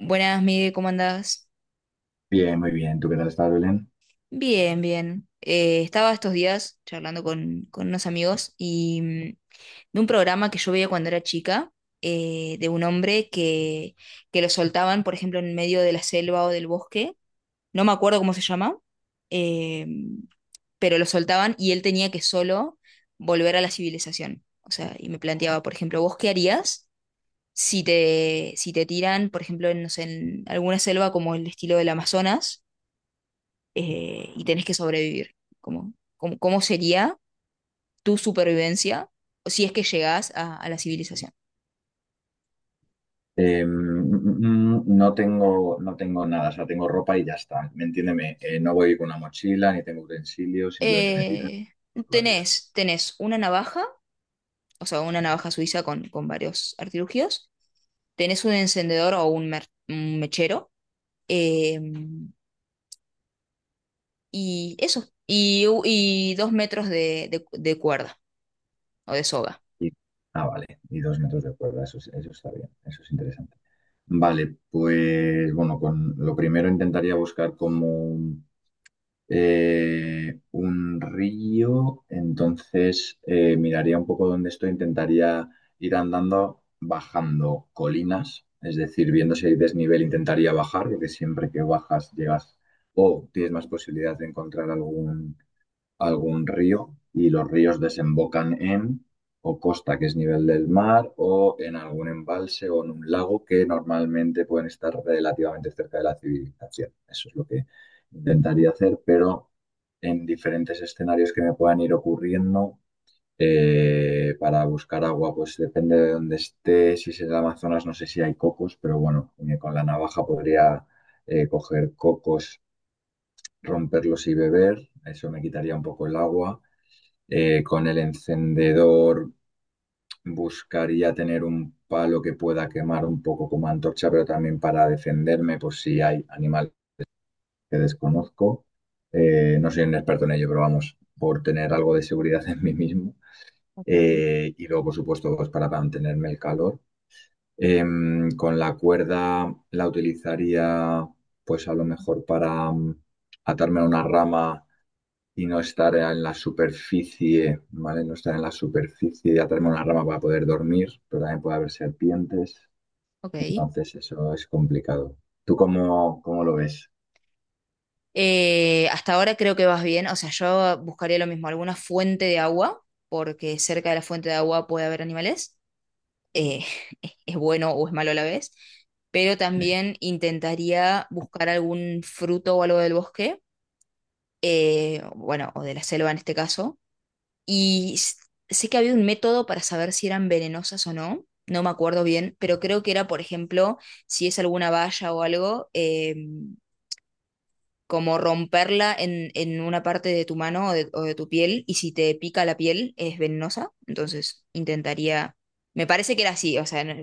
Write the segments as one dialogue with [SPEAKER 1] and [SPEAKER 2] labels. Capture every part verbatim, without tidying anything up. [SPEAKER 1] Buenas, Miguel, ¿cómo andás?
[SPEAKER 2] Bien, muy bien. ¿Tú qué tal estás, Belén?
[SPEAKER 1] Bien, bien. Eh, estaba estos días charlando con, con unos amigos y mm, de un programa que yo veía cuando era chica, eh, de un hombre que, que lo soltaban, por ejemplo, en medio de la selva o del bosque, no me acuerdo cómo se llama, eh, pero lo soltaban y él tenía que solo volver a la civilización. O sea, y me planteaba, por ejemplo, ¿vos qué harías si te, si te tiran, por ejemplo, en, no sé, en alguna selva como el estilo del Amazonas? Eh, y tenés que sobrevivir. ¿Cómo, cómo, cómo sería tu supervivencia si es que llegás a, a la civilización?
[SPEAKER 2] Eh, mm, mm, mm, no tengo, no tengo nada, o sea, tengo ropa y ya está. ¿Me entiéndeme? Eh, no voy con una mochila, ni tengo utensilios, simplemente me tiran
[SPEAKER 1] Eh,
[SPEAKER 2] pues, con la vida.
[SPEAKER 1] tenés, tenés una navaja, o sea, una
[SPEAKER 2] ¿Vale?
[SPEAKER 1] navaja suiza con, con varios artilugios, tenés un encendedor o un, mer- un mechero, eh, y eso, y, u- y dos metros de, de- de cuerda o de soga.
[SPEAKER 2] Y- ah, vale. Y dos metros de cuerda, eso, es- eso está bien, eso es interesante. Vale, pues bueno, con lo primero intentaría buscar como eh, un río. Entonces, eh, miraría un poco dónde estoy, intentaría ir andando bajando colinas, es decir, viendo si hay desnivel intentaría bajar, porque siempre que bajas llegas o tienes más posibilidad de encontrar algún algún río, y los ríos desembocan en o costa, que es nivel del mar, o en algún embalse o en un lago que normalmente pueden estar relativamente cerca de la civilización. Eso es lo que intentaría hacer, pero en diferentes escenarios que me puedan ir ocurriendo. Eh, para buscar agua, pues depende de dónde esté. Si es en el Amazonas, no sé si hay cocos, pero bueno, eh, con la navaja podría eh, coger cocos, romperlos y beber. Eso me quitaría un poco el agua. Eh, con el encendedor buscaría tener un palo que pueda quemar un poco como antorcha, pero también para defenderme por si hay animales que desconozco. Eh, no soy un experto en ello, pero vamos, por tener algo de seguridad en mí mismo.
[SPEAKER 1] Ok,
[SPEAKER 2] Eh, y luego, por supuesto, pues para mantenerme el calor. Em, con la cuerda la utilizaría, pues a lo mejor para mm, atarme a una rama y no estar en la superficie, ¿vale? No estar en la superficie, ya tenemos una rama para poder dormir, pero también puede haber serpientes,
[SPEAKER 1] ok.
[SPEAKER 2] entonces eso es complicado. ¿Tú cómo, cómo lo ves?
[SPEAKER 1] Eh, hasta ahora creo que vas bien, o sea, yo buscaría lo mismo, alguna fuente de agua, porque cerca de la fuente de agua puede haber animales, eh, es bueno o es malo a la vez, pero también intentaría buscar algún fruto o algo del bosque, eh, bueno, o de la selva en este caso, y s- sé que había un método para saber si eran venenosas o no, no me acuerdo bien, pero creo que era, por ejemplo, si es alguna valla o algo. Eh, como romperla en, en una parte de tu mano o de, o de tu piel, y si te pica la piel es venenosa, entonces intentaría, me parece que era así, o sea, no,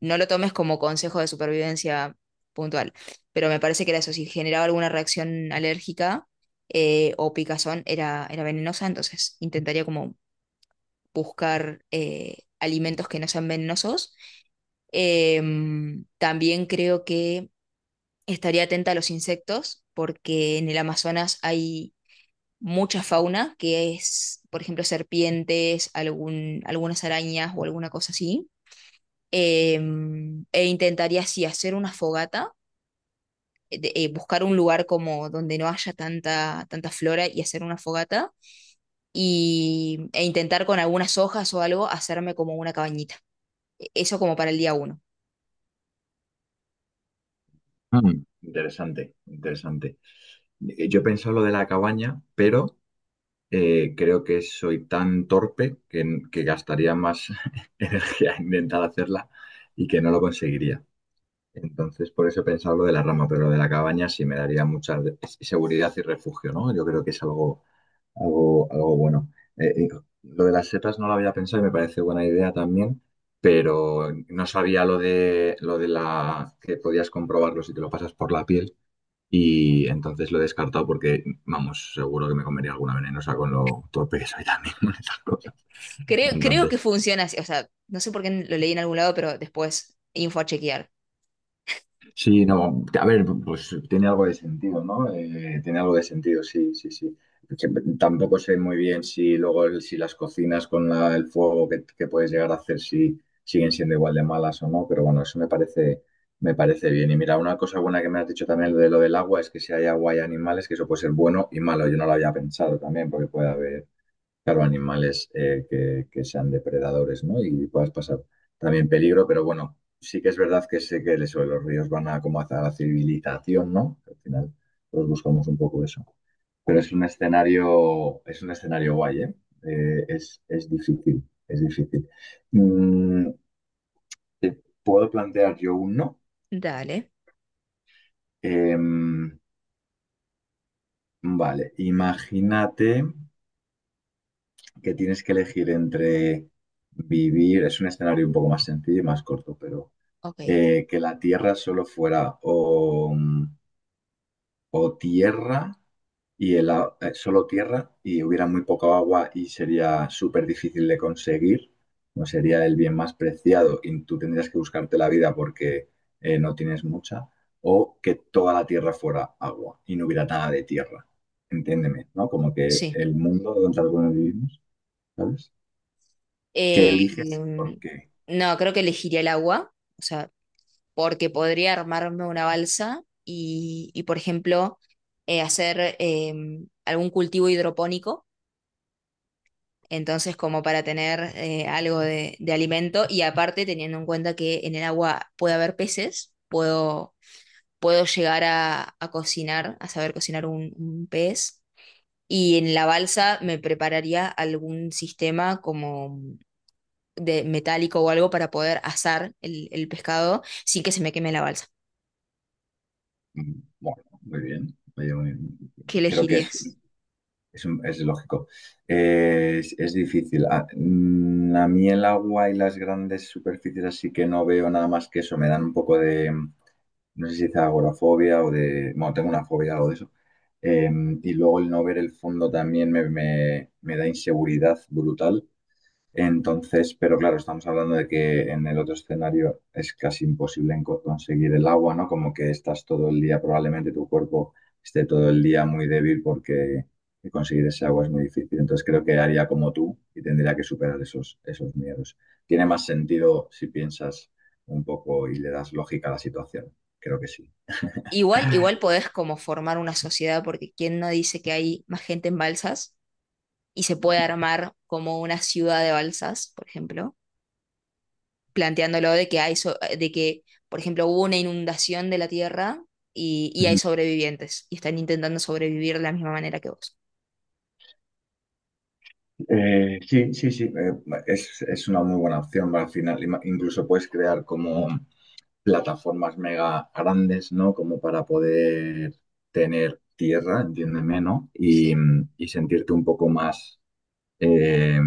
[SPEAKER 1] no lo tomes como consejo de supervivencia puntual, pero me parece que era eso, si generaba alguna reacción alérgica eh, o picazón era, era venenosa, entonces intentaría como buscar eh, alimentos que no sean venenosos. Em, también creo que estaría atenta a los insectos porque en el Amazonas hay mucha fauna que es, por ejemplo, serpientes, algún, algunas arañas o alguna cosa así. Eh, E intentaría así hacer una fogata, eh, de- eh, buscar un lugar como donde no haya tanta, tanta flora y hacer una fogata y, e intentar con algunas hojas o algo hacerme como una cabañita. E- Eso como para el día uno.
[SPEAKER 2] Mm. Interesante, interesante. Eh, Yo he pensado lo de la cabaña, pero eh, creo que soy tan torpe que, que gastaría más energía en intentar hacerla y que no lo conseguiría. Entonces, por eso he pensado lo de la rama, pero lo de la cabaña sí me daría mucha de- seguridad y refugio, ¿no? Yo creo que es algo, algo, algo bueno. Eh, eh, lo de las setas no lo había pensado y me parece buena idea también, pero no sabía lo de, lo de la que podías comprobarlo si te lo pasas por la piel, y entonces lo he descartado porque, vamos, seguro que me comería alguna venenosa con lo torpe que soy también con estas cosas.
[SPEAKER 1] Creo, creo que
[SPEAKER 2] Entonces,
[SPEAKER 1] funciona así, o sea, no sé por qué lo leí en algún lado, pero después info a chequear.
[SPEAKER 2] sí, no, a ver, pues tiene algo de sentido, ¿no? Eh, tiene algo de sentido, sí, sí, sí. Que tampoco sé muy bien si luego el- si las cocinas con la- el fuego que, que puedes llegar a hacer si siguen siendo igual de malas o no, pero bueno, eso me parece, me parece bien. Y mira, una cosa buena que me has dicho también lo de lo del agua es que si hay agua y animales, que eso puede ser bueno y malo. Yo no lo había pensado también, porque puede haber claro, animales eh, que, que sean depredadores, ¿no? Y puedas pasar también peligro, pero bueno, sí que es verdad que sé que eso, los ríos van a como hacia la civilización, ¿no? Al final, todos buscamos un poco eso. Pero es un escenario, es un escenario guay, ¿eh? Eh, es, es difícil, es difícil. Mm, ¿te puedo plantear yo uno?
[SPEAKER 1] Dale.
[SPEAKER 2] Em, vale, imagínate que tienes que elegir entre vivir, es un escenario un poco más sencillo y más corto, pero
[SPEAKER 1] Ok,
[SPEAKER 2] eh, que la Tierra solo fuera o, o tierra y el, a- eh, solo tierra y hubiera muy poco agua y sería súper difícil de conseguir, no sería el bien más preciado y tú tendrías que buscarte la vida porque eh, no tienes mucha, o que toda la tierra fuera agua y no hubiera nada de tierra. Entiéndeme, ¿no? Como que
[SPEAKER 1] sí.
[SPEAKER 2] el mundo donde algunos vivimos, ¿sabes? ¿Qué
[SPEAKER 1] Eh,
[SPEAKER 2] eliges?
[SPEAKER 1] em,
[SPEAKER 2] Porque,
[SPEAKER 1] no, creo que elegiría el agua, o sea, porque podría armarme una balsa y, y, por ejemplo, eh, hacer em, algún cultivo hidropónico, entonces como para tener eh, algo de, de alimento y aparte teniendo en cuenta que en el agua puede haber peces, puedo, puedo llegar a, a cocinar, a saber cocinar un, un pez. Y en la balsa me prepararía algún sistema como de metálico o algo para poder asar el, el pescado sin que se me queme la balsa.
[SPEAKER 2] bueno, muy bien. Oye, muy bien.
[SPEAKER 1] ¿Qué
[SPEAKER 2] Creo que es.
[SPEAKER 1] elegirías?
[SPEAKER 2] Es, un- es lógico. Eh, es, es difícil. A, mm, a mí el agua y las grandes superficies, así que no veo nada más que eso. Me dan un poco de, no sé si dice agorafobia o de, bueno, tengo una fobia algo de eso. Eh, y luego el no ver el fondo también me, me- me da inseguridad brutal. Entonces, pero claro, estamos hablando de que en el otro escenario es casi imposible en co- conseguir el agua, ¿no? Como que estás todo el día, probablemente tu cuerpo esté todo el día muy débil porque conseguir ese agua es muy difícil. Entonces creo que haría como tú y tendría que superar esos, esos miedos. Tiene más sentido si piensas un poco y le das lógica a la situación. Creo que sí.
[SPEAKER 1] Igual, igual podés como formar una sociedad, porque quién no dice que hay más gente en balsas y se puede armar como una ciudad de balsas, por ejemplo, planteándolo de que hay so- de que, por ejemplo, hubo una inundación de la tierra y, y hay
[SPEAKER 2] Ujú.
[SPEAKER 1] sobrevivientes y están intentando sobrevivir de la misma manera que vos.
[SPEAKER 2] Eh, sí, sí, sí, eh, es, es una muy buena opción al final. Ima- Incluso puedes crear como plataformas mega grandes, ¿no? Como para poder tener tierra, entiéndeme, ¿no? Y,
[SPEAKER 1] Sí.
[SPEAKER 2] y sentirte un poco más eh,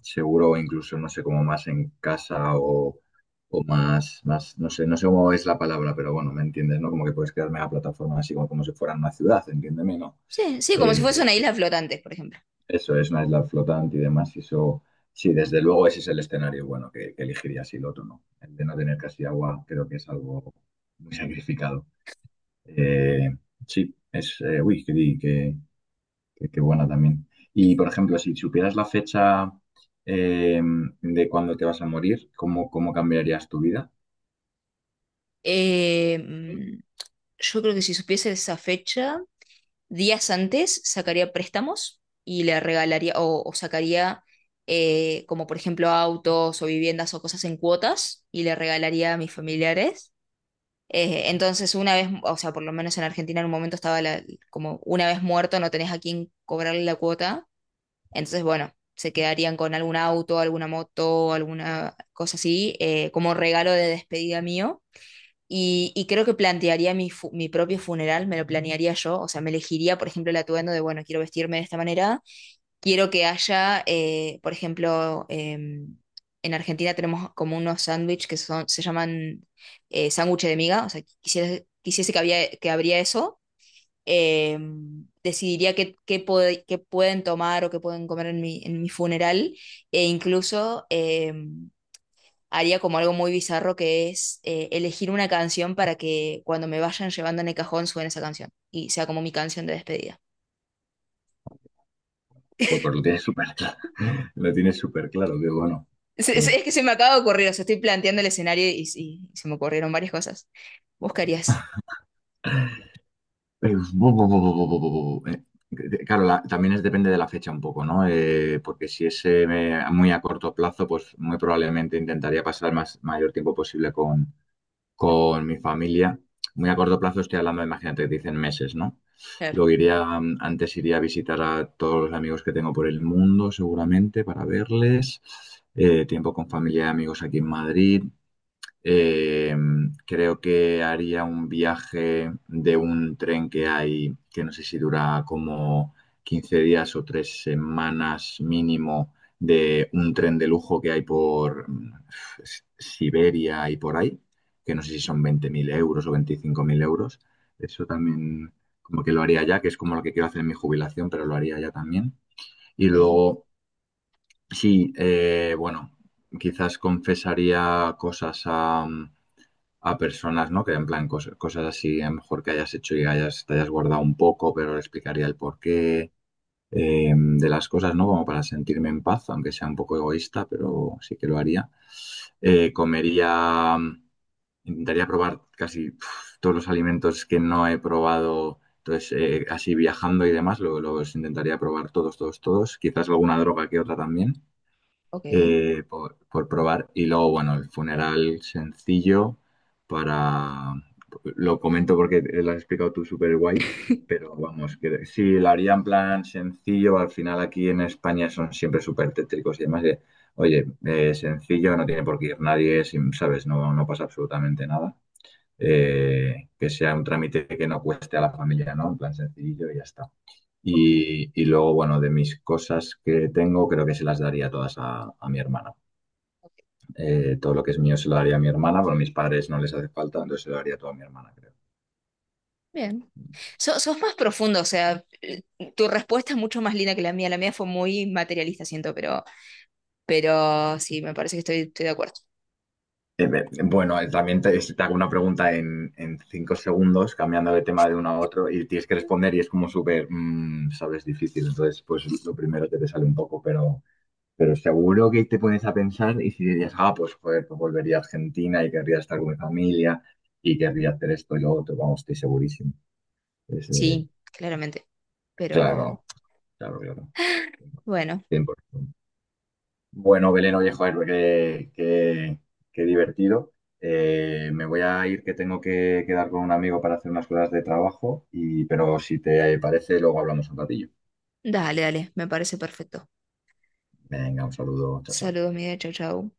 [SPEAKER 2] seguro, o incluso, no sé, como más en casa o, o más, más, no sé, no sé cómo es la palabra, pero bueno, ¿me entiendes, no? Como que puedes crear mega plataformas así como, como si fueran una ciudad, entiéndeme, ¿no?
[SPEAKER 1] Sí, sí, como si fuese
[SPEAKER 2] Eh,
[SPEAKER 1] una isla flotante, por ejemplo.
[SPEAKER 2] Eso es una isla flotante y demás, y eso... Sí, desde luego ese es el escenario bueno que, que elegiría si el otro no. El de no tener casi agua creo que es algo muy sacrificado. Eh, sí, es, eh, uy, qué, di- qué- qué- qué buena también. Y, por ejemplo, si supieras la fecha eh, de cuándo te vas a morir, ¿cómo, cómo cambiarías tu vida?
[SPEAKER 1] Eh, mm, yo creo que si supiese esa fecha, días antes sacaría préstamos y le regalaría o, o sacaría eh, como por ejemplo autos o viviendas o cosas en cuotas y le regalaría a mis familiares. Eh,
[SPEAKER 2] Ujú.
[SPEAKER 1] entonces una vez, o sea, por lo menos en Argentina en un momento estaba la- como una vez muerto no tenés a quién cobrarle la cuota. Entonces, bueno, se quedarían con algún auto, alguna moto, alguna cosa así, eh, como regalo de despedida mío. Y, y creo que plantearía mi, fu- mi propio funeral, me lo planearía yo, o sea, me elegiría, por ejemplo, el atuendo de, bueno, quiero vestirme de esta manera, quiero que haya, eh, por ejemplo, em, en Argentina tenemos como unos sándwiches que son, se llaman eh, sándwiches de miga, o sea, quisiera- quisiese que, había, que habría eso, em, decidiría qué, qué, pod- qué pueden tomar o qué pueden comer en mi, en mi funeral, e incluso... em, haría como algo muy bizarro que es eh, elegir una canción para que cuando me vayan llevando en el cajón suene esa canción y sea como mi canción de despedida.
[SPEAKER 2] Pues, pues lo tienes súper claro, lo tienes súper claro, que bueno.
[SPEAKER 1] Se- se-
[SPEAKER 2] Joder.
[SPEAKER 1] Es, que se me acaba de ocurrir, o sea, estoy planteando el escenario y, y se me ocurrieron varias cosas. ¿Vos qué harías?
[SPEAKER 2] Eh, bu- bu- bu- bu- bu- bu- bu- bu- eh, de- Claro, la- también es, depende de la fecha un poco, ¿no? Eh, porque si es eh, me- muy a corto plazo, pues muy probablemente intentaría pasar el más, mayor tiempo posible con con mi familia. Muy a corto plazo estoy hablando, imagínate, dicen meses, ¿no?
[SPEAKER 1] Claro.
[SPEAKER 2] Luego iría, mm, antes iría a visitar a todos los amigos que tengo por el mundo, seguramente, para verles. Eh, tiempo con familia y amigos aquí en Madrid. Eh, creo que haría un viaje de un tren que hay, que no sé si dura como quince días o tres semanas mínimo, de un tren de lujo que hay por mm, S- Siberia y por ahí, que no sé si son veinte mil euros o veinticinco mil euros. Eso también como que lo haría ya, que es como lo que quiero hacer en mi jubilación, pero lo haría ya también. Y
[SPEAKER 1] Ok,
[SPEAKER 2] luego, sí, eh, bueno, quizás confesaría cosas a mm, a personas, ¿no? Que en plan cosas, cosas así, a lo mejor que hayas hecho y hayas, te hayas guardado un poco, pero le explicaría el porqué eh, de las cosas, ¿no? Como para sentirme en paz, aunque sea un poco egoísta, pero sí que lo haría. Eh, comería, intentaría probar casi uf, todos los alimentos que no he probado. Entonces, eh, así viajando y demás, lo- los intentaría probar todos, todos, todos. Quizás alguna droga que otra también
[SPEAKER 1] ok,
[SPEAKER 2] eh, por, por probar. Y luego, bueno, el funeral sencillo para... Lo comento porque lo has explicado tú súper guay, pero vamos, que sí, lo haría en plan sencillo. Al final aquí en España son siempre súper tétricos y demás. De, oye, eh, sencillo, no tiene por qué ir nadie, sin- ¿sabes? No, no pasa absolutamente nada. Eh, que sea un trámite que no cueste a la familia, ¿no? En plan sencillo y ya está. Y, y luego, bueno, de mis cosas que tengo, creo que se las daría todas a a mi hermana. Eh, todo lo que es mío se lo daría a mi hermana, pero a mis padres no les hace falta, entonces se lo daría todo a mi hermana, creo.
[SPEAKER 1] bien. So- sos más profundo, o sea, eh, tu respuesta es mucho más linda que la mía. La mía fue muy materialista, siento, pero, pero sí, me parece que estoy, estoy de acuerdo.
[SPEAKER 2] Eh, eh, bueno, eh, también te, te hago una pregunta en, en cinco segundos, cambiando de tema de uno a otro, y tienes que responder y es como súper, mm, sabes, difícil. Entonces, pues lo primero que te sale un poco, pero, pero seguro que te pones a pensar y si dirías, ah, pues joder, pues volvería a Argentina y querría estar con mi familia y querría hacer esto y lo otro, vamos, estoy segurísimo. Es, eh,
[SPEAKER 1] Sí, claramente.
[SPEAKER 2] claro,
[SPEAKER 1] Pero
[SPEAKER 2] claro, claro.
[SPEAKER 1] bueno,
[SPEAKER 2] cien por ciento. Bueno, Belén, oye, joder, qué, qué- qué divertido. Eh, me voy a ir que tengo que quedar con un amigo para hacer unas cosas de trabajo, y, pero si te parece, luego hablamos un ratillo.
[SPEAKER 1] dale, dale, me parece perfecto.
[SPEAKER 2] Venga, un saludo, chao, chao.
[SPEAKER 1] Saludos, Miguel. Chau, chau.